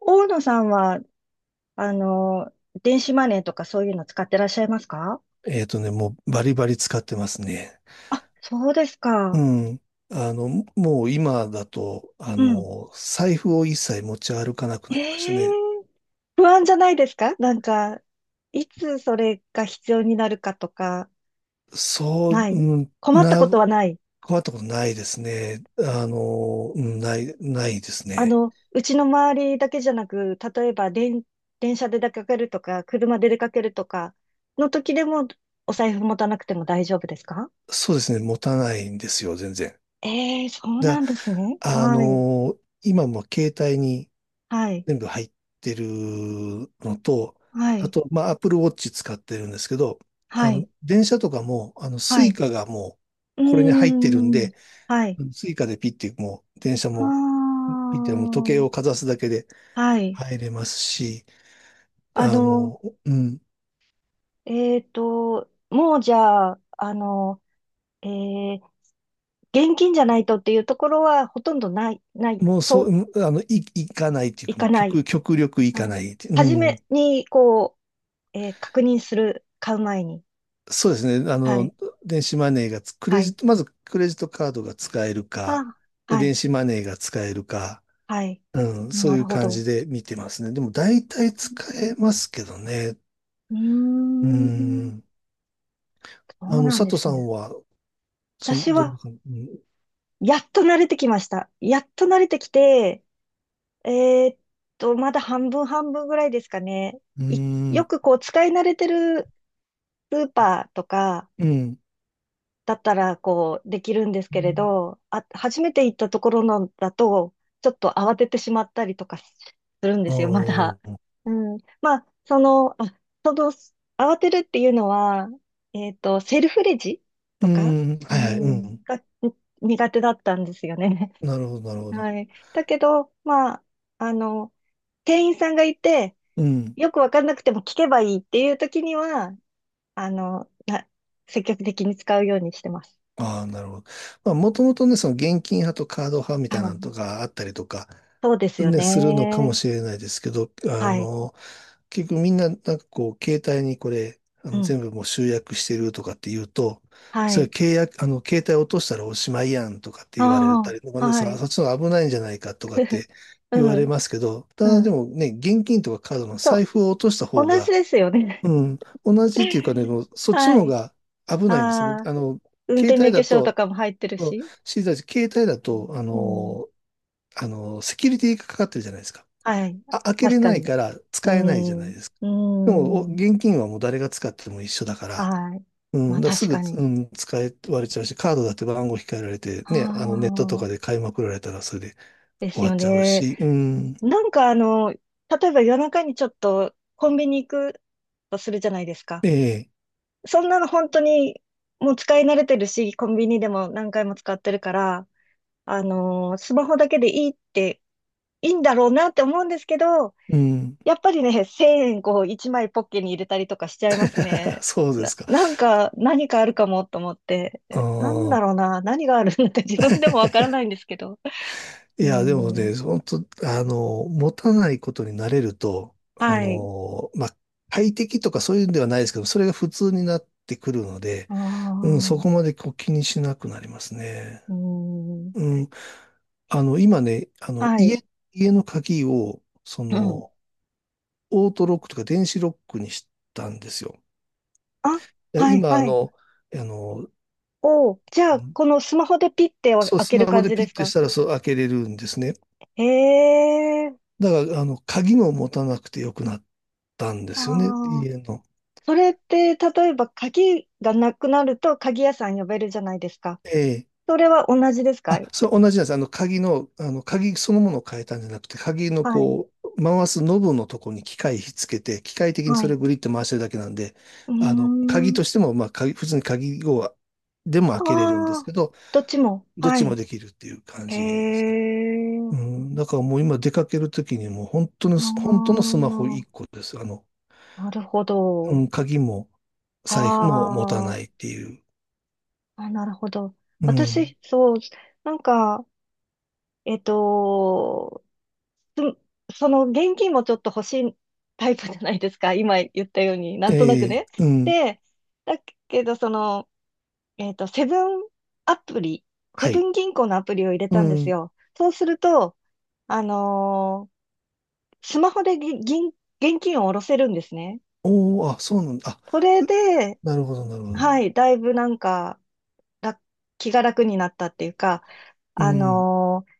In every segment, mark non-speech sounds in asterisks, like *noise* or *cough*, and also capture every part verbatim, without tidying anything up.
大野さんは、あの、電子マネーとかそういうの使ってらっしゃいますか？えっとね、もうバリバリ使ってますね。あ、そうですうか。ん。あの、もう今だと、あうん。の、財布を一切持ち歩かなくえなりましたえ、ね。不安じゃないですか？なんか、いつそれが必要になるかとか、そう、ない、うん困ったな、ことはない。困ったことないですね。あの、うんない、ないですあね。の、うちの周りだけじゃなく、例えば電、電車で出かけるとか、車で出かけるとか、の時でも、お財布持たなくても大丈夫ですか？そうですね、持たないんですよ、全然。ええ、そうなだ、んですね。あはい。の、今も携帯にはい。全部入ってるのと、はあい。と、まあ、Apple Watch 使ってるんですけど、はあい。の、電車とかも、あの、スはイい。カがもう、うーこれに入ってるんん。で、はい。スイカでピッて、もう、電車もああ、ピッて、もう時計をかざすだけではい。入れますし、ああの、の、うん、えっと、もうじゃあ、あの、えー、現金じゃないとっていうところはほとんどない、ない、もうそそう、う、うんあの、い、行かないっていういか、もかうない。極、極力行あかの、ないって、う初ん。めに、こう、えー確認する、買う前に。そうですね。あはい。の、電子マネーがつ、クレはジい。ット、まずクレジットカードが使えるか、あ、では電い。子マネーが使えるか、はい。うん、そうないうるほ感ど。じで見てますね。でも大う体使ーえますけどね。ん、ううーん、ん。そあうの、なん佐で藤すさんね。は、その、私どんなは、感じ、やっと慣れてきました。やっと慣れてきて、えーっと、まだ半分半分ぐらいですかね。ういよん、くこう、使い慣れてるスーパーとかうん、うん、だったら、こう、できるんですけれど、あ、初めて行ったところのだと、ちょっと慌ててしまったりとかするんであすよ、まだ。ー、うん。まあ、その、あ、その、慌てるっていうのは、えーっと、セルフレジうとか、ん、うはいはい、うん、ん。が苦手だったんですよね。なるほど、なるほど。はい。だけど、まあ、あの、店員さんがいて、うん。よくわかんなくても聞けばいいっていう時には、あの、な、積極的に使うようにしてます。ああ、なるほど。まあ、もともとね、その現金派とカード派みはたいなのい。とかあったりとか、そうですよね、するのかもね。しれないですけど、あはい。の、結局みんな、なんかこう、携帯にこれ、あうの、ん。全部もう集約してるとかって言うと、はそれい。契約、あの、携帯落としたらおしまいやんとかって言われたありとかあ、ね、そ、はい。そっちの方が危ないんじゃないかとかっ *laughs* てう言われん。ますけど、たうだでん。もね、現金とかカードのそ財う。布を落とした方同じが、ですよね。うん、同じっていうかね、も *laughs* うそっちはの方い。が危ないんですよね。ああ、あの、運携転帯免許だ証とと、かも入ってるそうし。知りたいし携帯だと、あうん。の、あの、セキュリティがかかってるじゃないですか。はい。あ、開け確れかないに。からう使えないじゃないん。ですか。でも、おうん。現金はもう誰が使っても一緒だから、はい。うまん、あだからす確ぐ、かうに。ん、使え割れちゃうし、カードだって番号控えられて、あね、あのネットとあ、かで買いまくられたらそれでで終すわよっちゃうね。し、うん、なんかあの、例えば夜中にちょっとコンビニ行くとするじゃないですか。ええ、そんなの本当にもう使い慣れてるし、コンビニでも何回も使ってるから、あのースマホだけでいいって、いいんだろうなって思うんですけど、うん、やっぱりね、せんえんこういちまいポッケに入れたりとかしちゃいます *laughs* ね。そうでな、すか。なんか、何かあるかもと思って、あえ、なんだあ、ろうな、何があるんだって自分でもわからないんですけど。いうや、でもん。ね、本当あの、持たないことになれると、あはい。の、まあ、快適とかそういうんではないですけど、それが普通になってくるので、あうん、そあ。こまでこう気にしなくなりますね。うん。うん。あの、今ね、あの、はい。家、家の鍵を、そうん。の、オートロックとか電子ロックにしたんですよ。あ、ではい、今、あはい。の、あの、おう。じゃああ、の、このスマホでピッてそう、開スけマるホ感でじピでッすてしか？たら、そう、開けれるんですね。へえ。だから、あの、鍵も持たなくてよくなったんであすよね、あ。家の。それって、例えば鍵がなくなると鍵屋さん呼べるじゃないですか。ええ、それは同じですか？あ、そう、同じなんです。あの、鍵の、あの、鍵そのものを変えたんじゃなくて、鍵のはい。こう、回すノブのとこに機械ひっつけて、機械的にはそれい。をグリッと回してるだけなんで、うーあの、鍵ん。としても、まあ、鍵、普通に鍵を、でもあ開けれるんですあ。けど、どっちも。どっはちもい。できるっていう感へじですね。え。うん、だからもう今出かけるときにもう本当の、本当のあスマホいっこです。あの、あ。なるほうど。ん、鍵もあ財布も持たないっあ。ていう。あ、なるほど。うん。私、そう、なんか、えっと、つその現金もちょっと欲しいタイプじゃないですか。*laughs* 今言ったように、なんとなえくえ、ね。うん。で、だけど、その、えっと、セブンアプリ、セはブい。ン銀行のアプリを入れうたんですん。よ。そうすると、あのースマホでぎ銀、現金を下ろせるんですね。おー、あ、そうなんだ。そあ、れくで、なるほど、なるほはど。い、だいぶなんか、ら気が楽になったっていうか、うあん。のー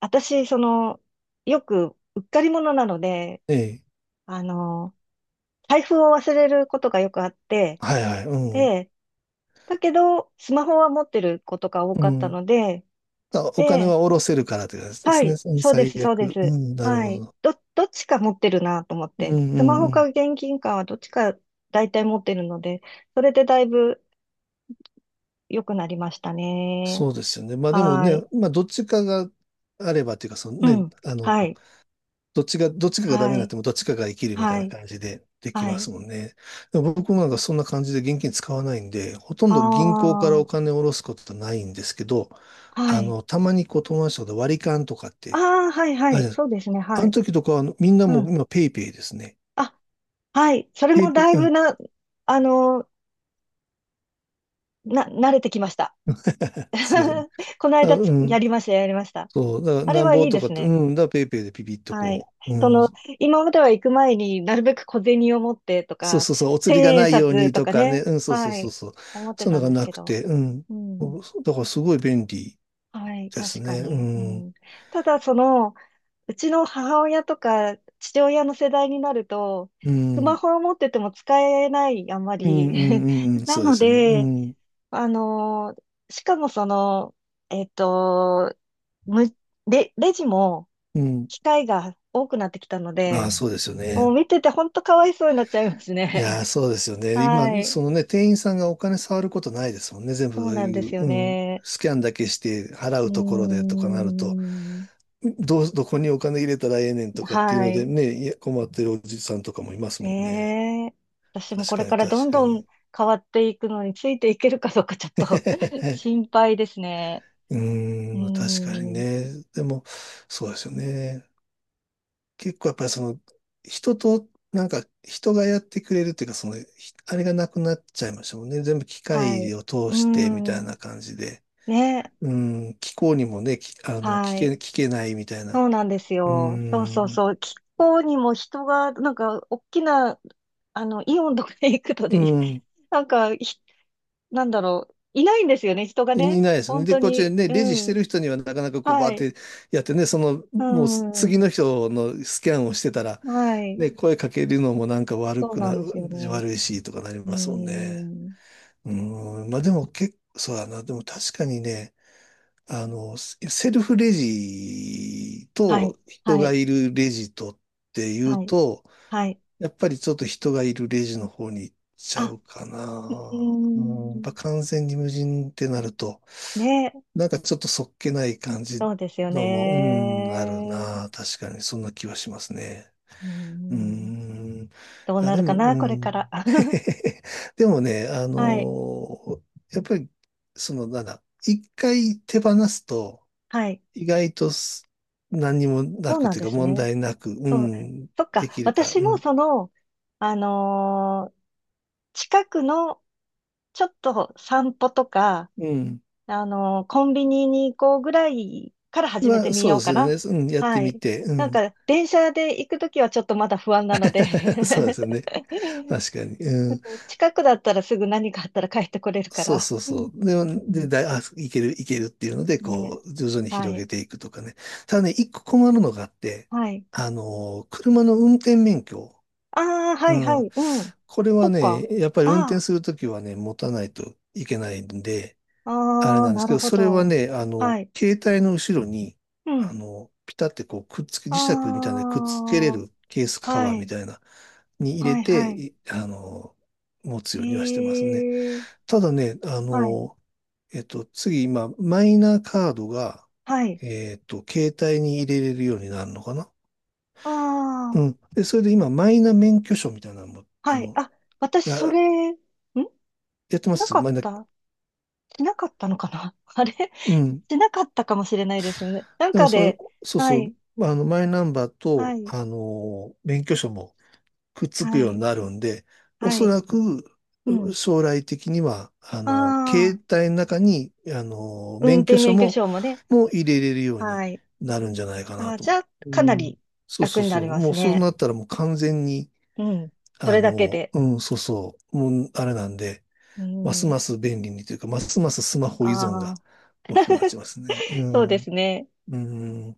私、その、よく、うっかり者なので、ええ。あの、財布を忘れることがよくあって、はいはい。うん。で、だけど、スマホは持ってることが多うかったん。ので、あ、お金はで、下ろせるからって感じではすね。い、うん、そうで最す、そうで悪。うす。ん、なるはほい。ど。ど、どっちか持ってるなと思っうん、て、うスマん、ホうかん。現金かはどっちか大体持ってるので、それでだいぶ良くなりましたね。そうですよね。まあでもはね、い。まあどっちかがあればっていうか、そのうね、ん。あの、はい。どっちが、どっちかがダメはになっい。てもどっちかが生きるみたいはない。感じでできはまい。すもんね。でも僕もなんかそんな感じで現金使わないんで、ほとんあど銀行からおあ。金を下ろすことはないんですけど、はあい。の、たまにこう友達とかで割り勘とかっあて、あ、はいはあれい。です。そうですね。あはのい。時とかはあのみんなうもうん。今ペイペイですね。あ、はい。それペもイペだいイ、うぶん、な、あの、な、慣れてきました。そうですね。 *laughs* このだ間うつやん、りました、やりました。そう、だからあれなんはぼいいとでかっすて、うね。ん、だからペイペイでピピッとはい。こう、そうの、ん、今までは行く前になるべく小銭を持ってとそうか、そうそう、お釣りが千円ないよう札にととかかね、ね。うん、そうそうはそうい。そう、思ってそんたなのんがですなけくど。て、うん、うん。そうだからすごい便利はい、です確かね。うに。うん。ん、ただ、その、うちの母親とか父親の世代になると、うスマん。ホを持ってても使えない、あんまうん、うり。ん、*laughs* うん、うん、なそうでのすよね。うで、ん。あのーしかもその、えっと、む、レ、レジもうん。機械が多くなってきたのああ、で、そうですよもうね。見てて本当かわいそうになっちゃいますいやね。ー、そうですよ *laughs* ね。今、はい。そのね、店員さんがお金触ることないですもんね。全部そうそうなんいですう、ようん。ね。スキャンだけして払うーうところでとかなると、ん。どう、どこにお金入れたらええねんとかっていうはのい。でね、いや、困ってるおじさんとかもいますもんね。ねえ。私もこ確れかに、からど確んかどに。ん変わっていくのについていけるかどうかちょっと *laughs* 心 *laughs* 配ですね。ううーーん、確かにん。ね。でも、そうですよね。結構やっぱりその、人と、なんか、人がやってくれるっていうか、その、ひあれがなくなっちゃいましたもんね。全部機はい。械を通うーしてみたいん。な感じで。ね。うん、気候にもね、きあの、聞はけ、い。聞けないみたいそな。うなんですうよ。そうそうん、そう。気候にも人が、なんか、大きな、あの、イオンとか行くとうで、*laughs* ん、なんか、ひなんだろう。いないんですよね、人がい、いね。ないですね。本で、当こっちでに。ね、うレジしてん。る人にはなかなかこう、バはーっい。てやってね、その、うもうす次ん。の人のスキャンをしてたら、はい。ね、声かけるのもなんか悪そうくなな、んですよね。悪いしとかなりうますもんね。ん。うーん、まあでも結構、そうだな。でも確かにね、あの、セセルフレジはい、と人はがい、いるレジとっていうはい、と、はい。やっぱりちょっと人がいるレジの方に行っちゃあ、うかうーな。うん、やっぱん、完全に無人ってなると、ね、なんかちょっとそっけない感じそうですよのも、うん、あるね。な。確かにそんな気はしますね。うーうーん、ん。いどうや、なでるかも、うな、これかん。ら。*laughs* *laughs* でもね、あはい、のやっぱり、その、なんだ、いっかい手放すと、はい、意外とす何にもなそうくなんというでか、す問ね。題なく、うそう、ん、そっでか、きるから、私うもん。その、あのー近くのちょっと散歩とか、うん。あのーコンビニに行こうぐらいから始めまてあ、みそうよでうすかよな。ね。うん、やってはみい。て、うなんん。か、電車で行くときはちょっとまだ不安なので *laughs* そうで *laughs* すよね。確 *laughs* かに。うん。近くだったらすぐ何かあったら帰ってこれるかそうら。そううそん、う。うで、で、ん、だい、あ、いける、いけるっていうので、ねこう、徐々にえ。は広げい。ていくとかね。ただね、いっこ困るのがあって、はい。あのー、車の運転免許。ああ、はうい、はん。い。うん。これそはっね、か。やっぱり運転あするときはね、持たないといけないんで、あ、あれああ、なんでなすけるど、ほそれはど。ね、あはの、い。携帯の後ろに、うあん。の、ピタってこう、くっつけ、磁あ石みたいなのでくっつけれるケースあ、カバはーみい。たいな、に入はれい、はて、い。いあの持つようにはしてますね。へえ。ただね、あはい。のえっと、次今、マイナカードが、はい。えっと、携帯に入れれるようになるのかな。あうあ、ん。で、それで今、マイナ免許証みたいなのも、あはい。の、あ、私、そあれ、んやってしまなすかっマイナ、た、しなかったのかな？ *laughs* あれ、しうん。なかったかもしれないですよね。なんでもかで、そ、そうはそい。う、あの、マイナンバーはと、い、あの、免許証もくっつくはようにい、なるんで、おはそい。らくうん。将来的には、ああの、あ、携帯の中に、あの、運免許転証免許も、証もね。もう入れれるようにはい。なるんじゃないかあなあ、とじ思ゃあ、う。うかなん。りそう楽そうになそりう。まもすうそうね。なったらもう完全に、うん。そあれだけの、で。うん、そうそう。もうあれなんで、うますん。ます便利にというか、ますますスマホ依存あがあ、大きくなっちゃいますね。う *laughs* そうでん。すね。うん。